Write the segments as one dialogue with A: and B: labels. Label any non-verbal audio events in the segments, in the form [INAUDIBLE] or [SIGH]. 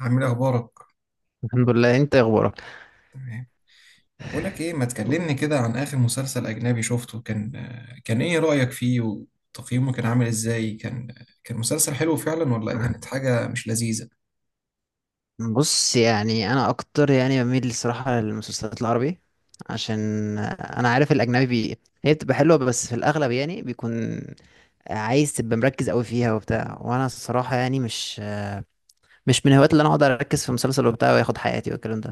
A: عامل إيه اخبارك؟
B: الحمد لله، انت إيه اخبارك؟
A: تمام. بقول لك ايه، ما تكلمني كده عن اخر مسلسل اجنبي شفته. كان ايه رايك فيه وتقييمه، كان عامل ازاي. كان مسلسل حلو فعلا، ولا كانت حاجه مش لذيذه؟
B: [LAUGHS] بص، انا اكتر بميل الصراحه للمسلسلات العربي، عشان انا عارف الاجنبي هي بتبقى حلوه، بس في الاغلب يعني بيكون عايز تبقى مركز قوي فيها وبتاع، وانا الصراحه يعني مش من هوايات اللي انا اقعد اركز في مسلسل وبتاع وياخد حياتي والكلام ده.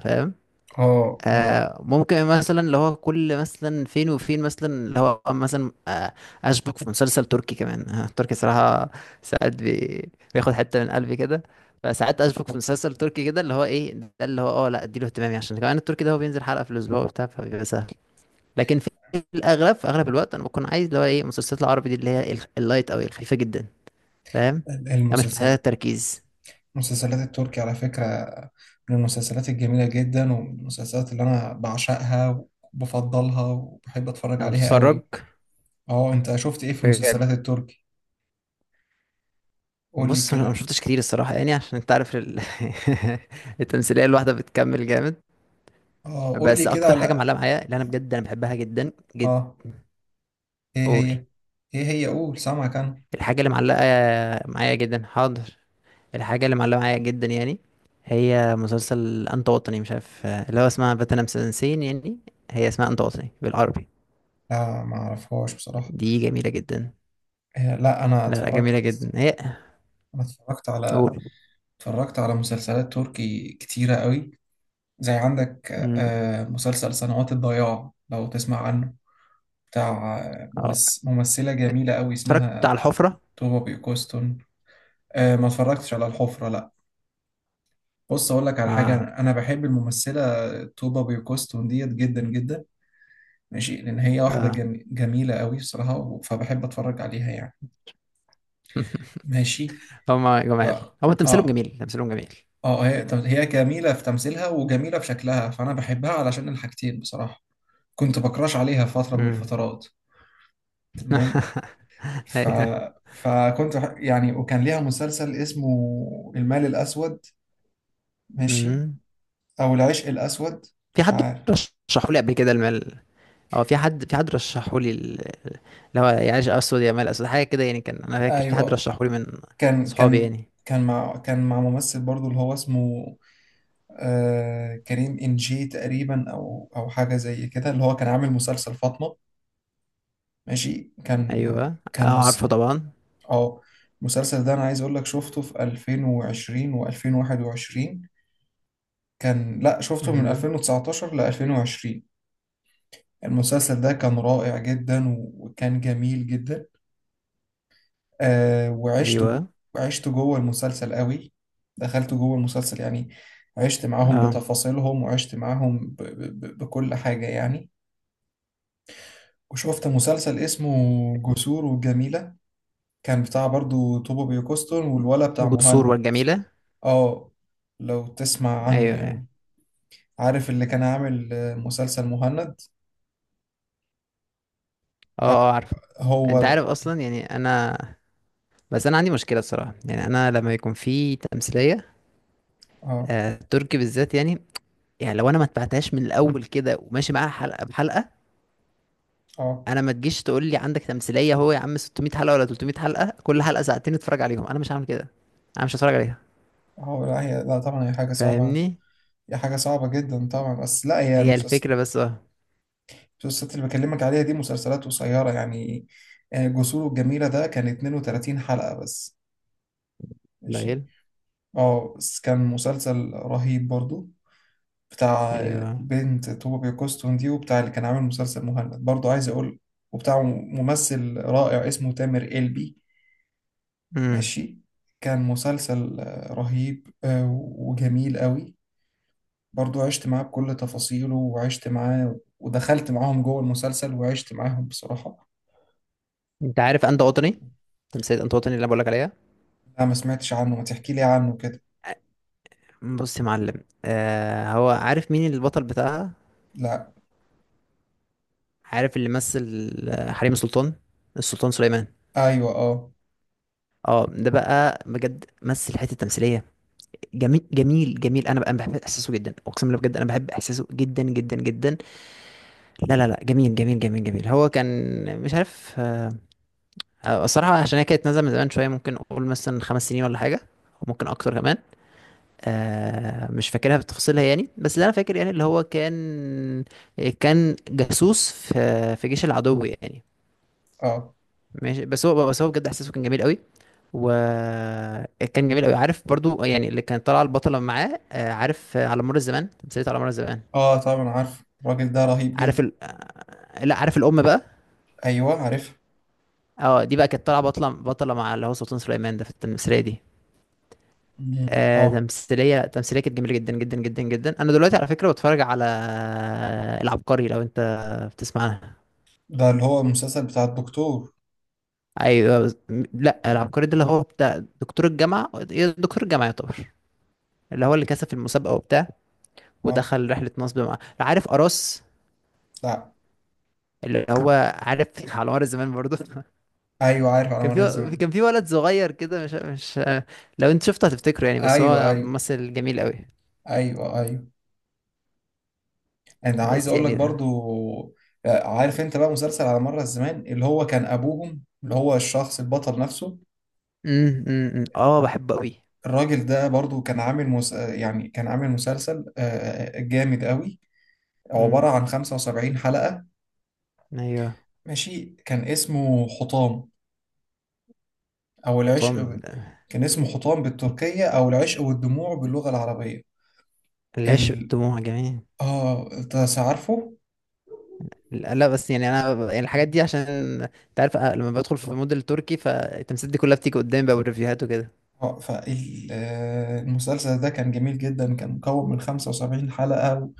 A: اه، اه.
B: آه، ممكن مثلا اللي هو كل مثلا فين وفين مثلا اللي هو مثلا اشبك في مسلسل تركي كمان. آه، تركي صراحة ساعات بياخد حتة من قلبي كده، فساعات اشبك في مسلسل تركي كده، اللي هو ايه ده اللي هو لا، اديله اهتمامي، عشان كمان التركي ده هو بينزل حلقة في الاسبوع وبتاع، فبيبقى سهل. لكن في الاغلب، في اغلب الوقت، انا بكون عايز اللي هو ايه المسلسلات العربي دي اللي اللايت او الخفيفة جدا. فاهم؟ انا مش محتاجة
A: المسلسل
B: تركيز.
A: المسلسلات التركي على فكرة من المسلسلات الجميلة جدا، ومن المسلسلات اللي أنا بعشقها وبفضلها وبحب أتفرج
B: انا
A: عليها
B: بتفرج.
A: قوي. اه، أنت شفت إيه في المسلسلات التركي؟ قول لي
B: بص، انا ما
A: كده.
B: شفتش كتير الصراحه، يعني عشان انت عارف [LAUGHS] التمثيليه الواحده بتكمل جامد.
A: اه، قول لي
B: بس
A: كده
B: اكتر حاجه
A: على.
B: معلقه معايا اللي انا بجد انا بحبها جدا جدا.
A: اه، إيه
B: قول.
A: هي؟ إيه هي؟ قول، سامعك أنا.
B: الحاجه اللي معلقه معايا جدا، حاضر. الحاجه اللي معلقه معايا جدا يعني هي مسلسل انت وطني، مش عارف اللي هو اسمها بتنا مسنسين يعني، هي اسمها انت وطني بالعربي.
A: لا، ما اعرفهاش بصراحة.
B: دي جميله جدا.
A: آه، لا، انا
B: لا لا، جميله
A: اتفرجت.
B: جدا هي.
A: انا اتفرجت على.
B: قول.
A: اتفرجت على مسلسلات تركي كتيرة قوي. زي عندك
B: مم.
A: مسلسل سنوات الضياع، لو تسمع عنه، بتاع
B: اه،
A: ممثلة جميلة قوي
B: اتفرجت على
A: اسمها
B: الحفره.
A: توبا بيوكوستون. ما اتفرجتش على الحفرة، لا. بص اقول لك على حاجة،
B: اه.
A: أنا بحب الممثلة توبا بيوكوستون ديت جدا جدا. ماشي. لان هي واحدة
B: اه.
A: جميلة قوي بصراحة، فبحب اتفرج عليها يعني.
B: [LAUGHS]
A: ماشي.
B: هما
A: ف...
B: جمال. هو تمثيلهم
A: اه،
B: جميل، تمثيلهم جميل.
A: اه. طب هي جميلة في تمثيلها وجميلة في شكلها، فأنا بحبها علشان الحاجتين بصراحة. كنت بكراش عليها في فترة من
B: امم.
A: الفترات. تمام.
B: [LAUGHS]
A: ف...
B: ايوه.
A: يعني وكان ليها مسلسل اسمه المال الأسود. ماشي.
B: امم.
A: أو العشق الأسود،
B: في
A: مش
B: حد
A: عارف.
B: رشحوا لي قبل كده المال. اه، في حد، في حد رشحوا لي اللي هو يعيش اسود، يا مال اسود، حاجه كده يعني، كان انا فاكر في
A: أيوه،
B: حد
A: آه.
B: رشحوا لي من
A: كان
B: صحابي
A: كان
B: يعني.
A: كان مع ممثل برضو اللي هو اسمه كريم إنجي تقريبا، أو حاجة زي كده، اللي هو كان عامل مسلسل فاطمة. ماشي.
B: ايوه، اه عارفه طبعا.
A: اه. المسلسل ده انا عايز اقول لك شفته في 2020 و2021. لا، شفته من
B: امم.
A: 2019 ل 2020. المسلسل ده كان رائع جدا وكان جميل جدا. آه وعشت جو...
B: ايوه.
A: عشت جوه المسلسل قوي. دخلت جوه المسلسل يعني. عشت معاهم
B: اه،
A: بتفاصيلهم، وعشت معاهم بكل حاجة يعني. وشفت مسلسل اسمه جسور وجميلة، كان بتاع برضو توبو بيوكوستون والولا بتاع
B: جسور
A: مهند.
B: والجميله.
A: اه، لو تسمع عنه
B: ايوه ايوه.
A: يعني. عارف اللي كان عامل مسلسل مهند.
B: اه.
A: آه،
B: اه عارفه. انت
A: هو
B: عارف اصلا يعني انا، بس انا عندي مشكله الصراحه، يعني انا لما يكون في تمثيليه
A: اه،
B: آه، تركي بالذات يعني، يعني لو انا ما اتبعتهاش من الاول كده وماشي معاها حلقه بحلقه،
A: اه.
B: انا ما تجيش تقول لي عندك تمثيليه هو يا عم 600 حلقه ولا 300 حلقه، كل حلقه ساعتين اتفرج عليهم. انا مش هعمل كده، انا مش هتفرج عليها.
A: هو، لا، هي، لا، طبعا هي حاجة صعبة.
B: فاهمني؟
A: هي حاجة صعبة جدا طبعا، بس لا.
B: هي الفكره بس، اه.
A: المسلسلات اللي بكلمك عليها دي مسلسلات قصيرة يعني. جسور الجميلة ده كان 32 حلقة بس. ماشي.
B: قليل.
A: اه، بس كان مسلسل رهيب برضو، بتاع
B: ايوه.
A: البنت طوبة كوستون دي، وبتاع اللي كان عامل مسلسل مهند برضو، عايز أقول، وبتاع ممثل رائع اسمه تامر قلبي.
B: امم.
A: ماشي. كان مسلسل رهيب، وجميل قوي. برضو عشت معاه بكل تفاصيله، وعشت معاه ودخلت معاهم جوه المسلسل، وعشت معاهم بصراحة.
B: انت عارف انت وطني، تمثيليه انت وطني اللي انا بقول لك عليها.
A: لا، ما سمعتش عنه، ما تحكي لي عنه كده.
B: بص يا معلم، آه، هو عارف مين البطل بتاعها؟
A: لا.
B: عارف اللي مثل آه، حريم سلطان، السلطان سليمان.
A: ايوه، اه،
B: اه، ده بقى بجد مثل حته تمثيليه. جميل جميل جميل، انا بقى بحب احساسه جدا، اقسم بالله بجد انا بحب احساسه جدا جدا جدا. لا لا لا، جميل جميل جميل جميل. هو كان مش عارف آه، آه، الصراحه عشان هي كانت نازله من زمان شويه، ممكن اقول مثلا 5 سنين ولا حاجه، وممكن اكتر كمان. آه، مش فاكرها بتفاصيلها يعني، بس اللي انا فاكر يعني اللي هو كان، كان جاسوس في جيش العدو يعني.
A: اه.
B: ماشي، بس هو بجد احساسه كان جميل قوي، وكان جميل قوي. عارف برضو يعني اللي كانت طالعه البطله معاه آه، عارف آه، على مر الزمان، تمثيلية على مر الزمان.
A: اه، طبعا عارف الراجل ده رهيب
B: عارف
A: جدا.
B: آه، لا، عارف الام بقى.
A: ايوه عارف.
B: اه، دي بقى كانت طالعه بطله، بطله مع اللي هو سلطان سليمان ده في التمثيليه دي.
A: مم.
B: آه،
A: اه،
B: تمثيليه كانت جميله جدا جدا جدا جدا. انا دلوقتي على فكره بتفرج على العبقري، لو انت بتسمعها.
A: ده اللي هو المسلسل بتاع الدكتور.
B: ايوه لا، العبقري ده اللي هو بتاع دكتور الجامعه إيه، دكتور الجامعه يعتبر اللي هو اللي كسب في المسابقه وبتاع،
A: اه،
B: ودخل رحلة نصب مع عارف أراس.
A: لا.
B: اللي هو عارف [LAUGHS] على مر الزمان برضه. [LAUGHS]
A: ايوه عارف على
B: كان
A: مر
B: في،
A: الزمان.
B: كان في ولد صغير كده، مش لو انت شفته هتفتكره يعني، بس
A: ايوه،
B: هو
A: ايوه.
B: ممثل جميل قوي.
A: ايوه، ايوه. انا عايز
B: بس
A: اقول لك
B: يعني،
A: برضو عارف انت بقى مسلسل على مر الزمان، اللي هو كان ابوهم اللي هو الشخص البطل نفسه.
B: امم، اه بحبه قوي.
A: الراجل ده برضو كان عامل مس... آه، يعني كان عامل مسلسل جامد قوي. عبارة
B: امم.
A: عن 75 حلقة.
B: ايوه.
A: ماشي. كان اسمه حطام، او العشق
B: طم.
A: ب... كان اسمه حطام بالتركية، او العشق والدموع باللغة العربية.
B: العشق
A: ال...
B: دموع جميل.
A: اه، انت عارفه.
B: لا لا، بس يعني انا يعني الحاجات دي عشان انت عارف أه، لما بدخل في مود التركي، فالتمثيلات دي كلها بتيجي قدامي بقى، والريفيوهات وكده.
A: اه، فالمسلسل ده كان جميل جدا، كان مكون من 75 حلقة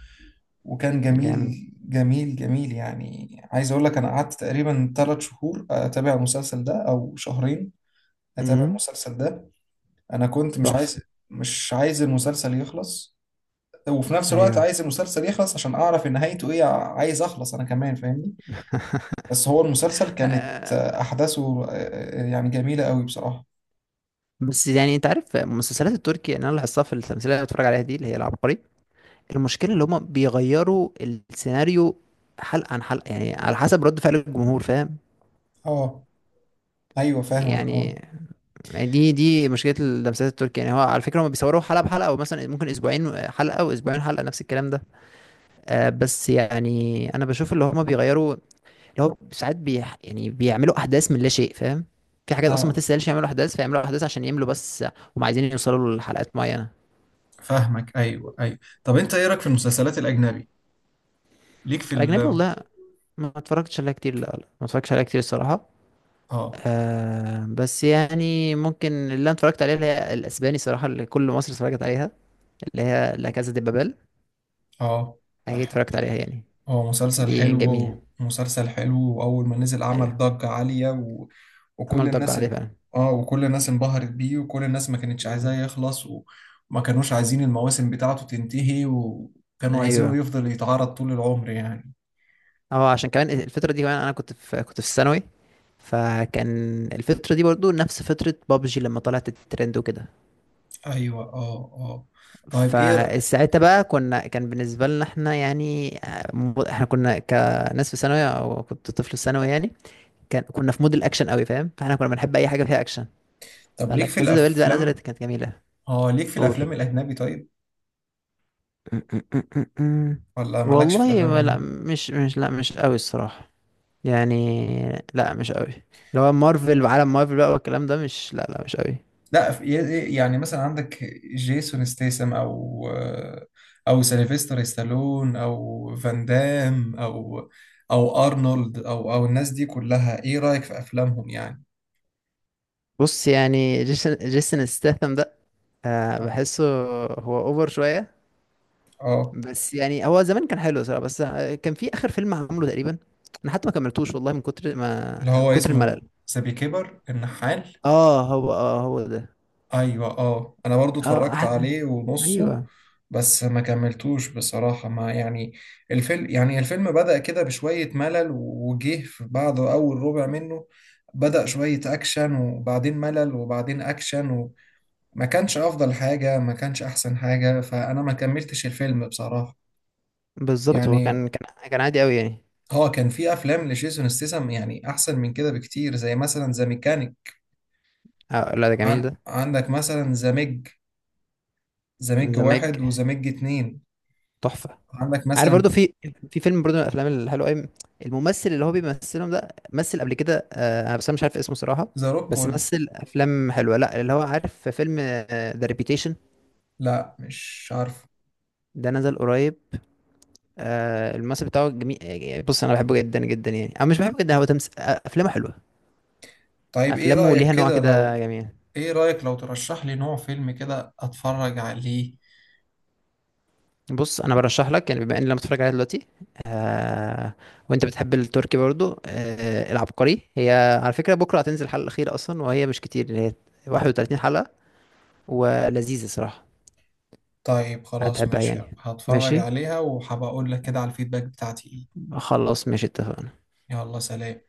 A: وكان
B: جامد.
A: جميل جميل جميل يعني. عايز اقول لك انا قعدت تقريبا 3 شهور اتابع المسلسل ده، او شهرين اتابع
B: امم.
A: المسلسل ده. انا كنت مش
B: تحفة.
A: عايز مش عايز المسلسل يخلص، وفي نفس الوقت
B: ايوه.
A: عايز المسلسل يخلص عشان اعرف إن نهايته ايه، عايز اخلص انا كمان، فاهمني. بس هو المسلسل كانت
B: [LAUGHS]
A: احداثه يعني جميلة قوي بصراحة.
B: بس يعني انت عارف المسلسلات التركي، يعني انا لاحظتها في التمثيليه اللي بتفرج عليها دي اللي هي العبقري، المشكله اللي هما بيغيروا السيناريو حلقه عن حلقه، يعني على حسب رد فعل الجمهور، فاهم؟
A: اه، ايوه فاهمك، اه.
B: يعني دي مشكله المسلسلات التركي، يعني هو على فكره هما بيصوروا حلقه بحلقه، او مثلا ممكن اسبوعين حلقه واسبوعين حلقه، نفس الكلام ده. آه، بس يعني انا بشوف اللي هما بيغيروا، اللي هو ساعات يعني بيعملوا احداث من لا شيء، فاهم؟ في حاجات اصلا ما
A: آه.
B: تستاهلش يعملوا احداث، فيعملوا احداث عشان يملوا بس، هم عايزين يوصلوا لحلقات معينه.
A: فاهمك، ايوه، ايوه. طب انت ايه رايك في المسلسلات الاجنبي؟ ليك في
B: الاجنبي
A: ال
B: والله ما اتفرجتش عليها كتير، لا لا، ما اتفرجتش عليها كتير الصراحة.
A: اه،
B: آه، بس يعني ممكن اللي انا اتفرجت عليها اللي هي الاسباني صراحة، اللي كل مصر اتفرجت عليها، اللي هي لا كازا دي بابل.
A: اه،
B: هي
A: ده
B: اتفرجت عليها يعني.
A: هو مسلسل
B: دي جميلة.
A: حلو، مسلسل حلو، واول ما نزل عمل
B: ايوه،
A: ضجة عالية وكل
B: عمل ضجة
A: الناس
B: عليها فعلا.
A: اه، وكل الناس انبهرت بيه، وكل الناس ما كانتش عايزاه
B: مم.
A: يخلص وما كانوش عايزين المواسم بتاعته تنتهي، وكانوا عايزينه
B: ايوه،
A: يفضل يتعرض طول العمر يعني.
B: اه، عشان كمان الفترة دي كمان انا كنت في، كنت في الثانوي، فكان الفترة دي برضو نفس فترة بابجي لما طلعت الترند وكده،
A: ايوه، اه، اه. طيب ايه ر-
B: فساعتها بقى كنا، كان بالنسبة لنا احنا يعني آه، احنا كنا كناس في ثانوي، او كنت طفل في ثانوي يعني، كان كنا في مود الاكشن قوي، فاهم؟ فاحنا كنا بنحب اي حاجة فيها اكشن،
A: طب
B: فلا
A: ليك في
B: كذا دي بقى نزلت
A: الافلام؟
B: كانت جميلة.
A: اه، ليك في
B: قول.
A: الافلام الاجنبي طيب.
B: [LAUGHS]
A: ولا مالكش في
B: والله
A: الافلام
B: ما- لا
A: الاجنبي؟
B: مش مش لا مش قوي الصراحة يعني. لا مش قوي اللي هو مارفل وعالم مارفل بقى والكلام ده، مش، لا لا، مش قوي.
A: لا في- يعني مثلا عندك جيسون ستيسم، او او سيلفستر ستالون، او فان دام، او او ارنولد، او الناس دي كلها، ايه رايك في افلامهم يعني.
B: بص يعني، جيسون ستاثام ده آه
A: اه.
B: بحسه هو اوفر شوية،
A: آه،
B: بس يعني هو زمان كان حلو صراحة، بس كان في آخر فيلم عمله تقريبا أنا حتى ما كملتوش والله، من كتر
A: اللي
B: ما، من
A: هو
B: كتر
A: اسمه
B: الملل.
A: ذا بيكيبر النحال.
B: اه هو، اه هو ده.
A: ايوه، اه، انا برضو
B: اه،
A: اتفرجت عليه ونصه،
B: ايوه.
A: بس ما كملتوش بصراحة. ما يعني الفيلم، الفيلم بدأ كده بشوية ملل، وجه في بعده اول ربع منه بدأ شوية اكشن، وبعدين ملل، وبعدين اكشن. وما كانش افضل حاجة، ما كانش احسن حاجة، فانا ما كملتش الفيلم بصراحة
B: بالظبط، هو
A: يعني.
B: كان كان عادي قوي يعني.
A: هو كان في افلام لجيسون ستاثام يعني احسن من كده بكتير، زي مثلا ذا ميكانيك.
B: آه لا، ده جميل ده.
A: عندك مثلا ذا ميج، ذا ميج
B: انزماج
A: واحد وذا ميج اتنين.
B: تحفة.
A: عندك
B: عارف
A: مثلا
B: برضو في فيلم برضو من الافلام الحلوه قوي، الممثل اللي هو بيمثلهم ده مثل قبل كده آه، أنا بس انا مش عارف اسمه صراحة،
A: ذا
B: بس
A: روكول.
B: مثل افلام حلوة. لا، اللي هو عارف في فيلم ذا ريبيتيشن،
A: لا، مش عارف.
B: ده نزل قريب. آه، الممثل بتاعه جميل آه، يعني بص، انا بحبه جدا جدا، يعني انا مش بحبه جدا، هو آه، افلامه حلوه،
A: طيب ايه
B: افلامه
A: رأيك
B: ليها نوع
A: كده
B: كده
A: لو
B: جميل.
A: ايه رأيك لو ترشح لي نوع فيلم كده اتفرج عليه.
B: بص، انا برشح لك يعني بما ان لما تتفرج عليها دلوقتي وانت بتحب التركي برضو، آه، العبقري هي على فكره بكره هتنزل الحلقه الاخيره اصلا، وهي مش كتير، هي 31 حلقه، ولذيذه صراحه،
A: طيب خلاص
B: هتحبها
A: ماشي،
B: يعني.
A: هتفرج
B: ماشي،
A: عليها وهبقى اقول لك كده على الفيدباك بتاعتي ايه.
B: خلاص ماشي، اتفقنا.
A: يلا، سلام.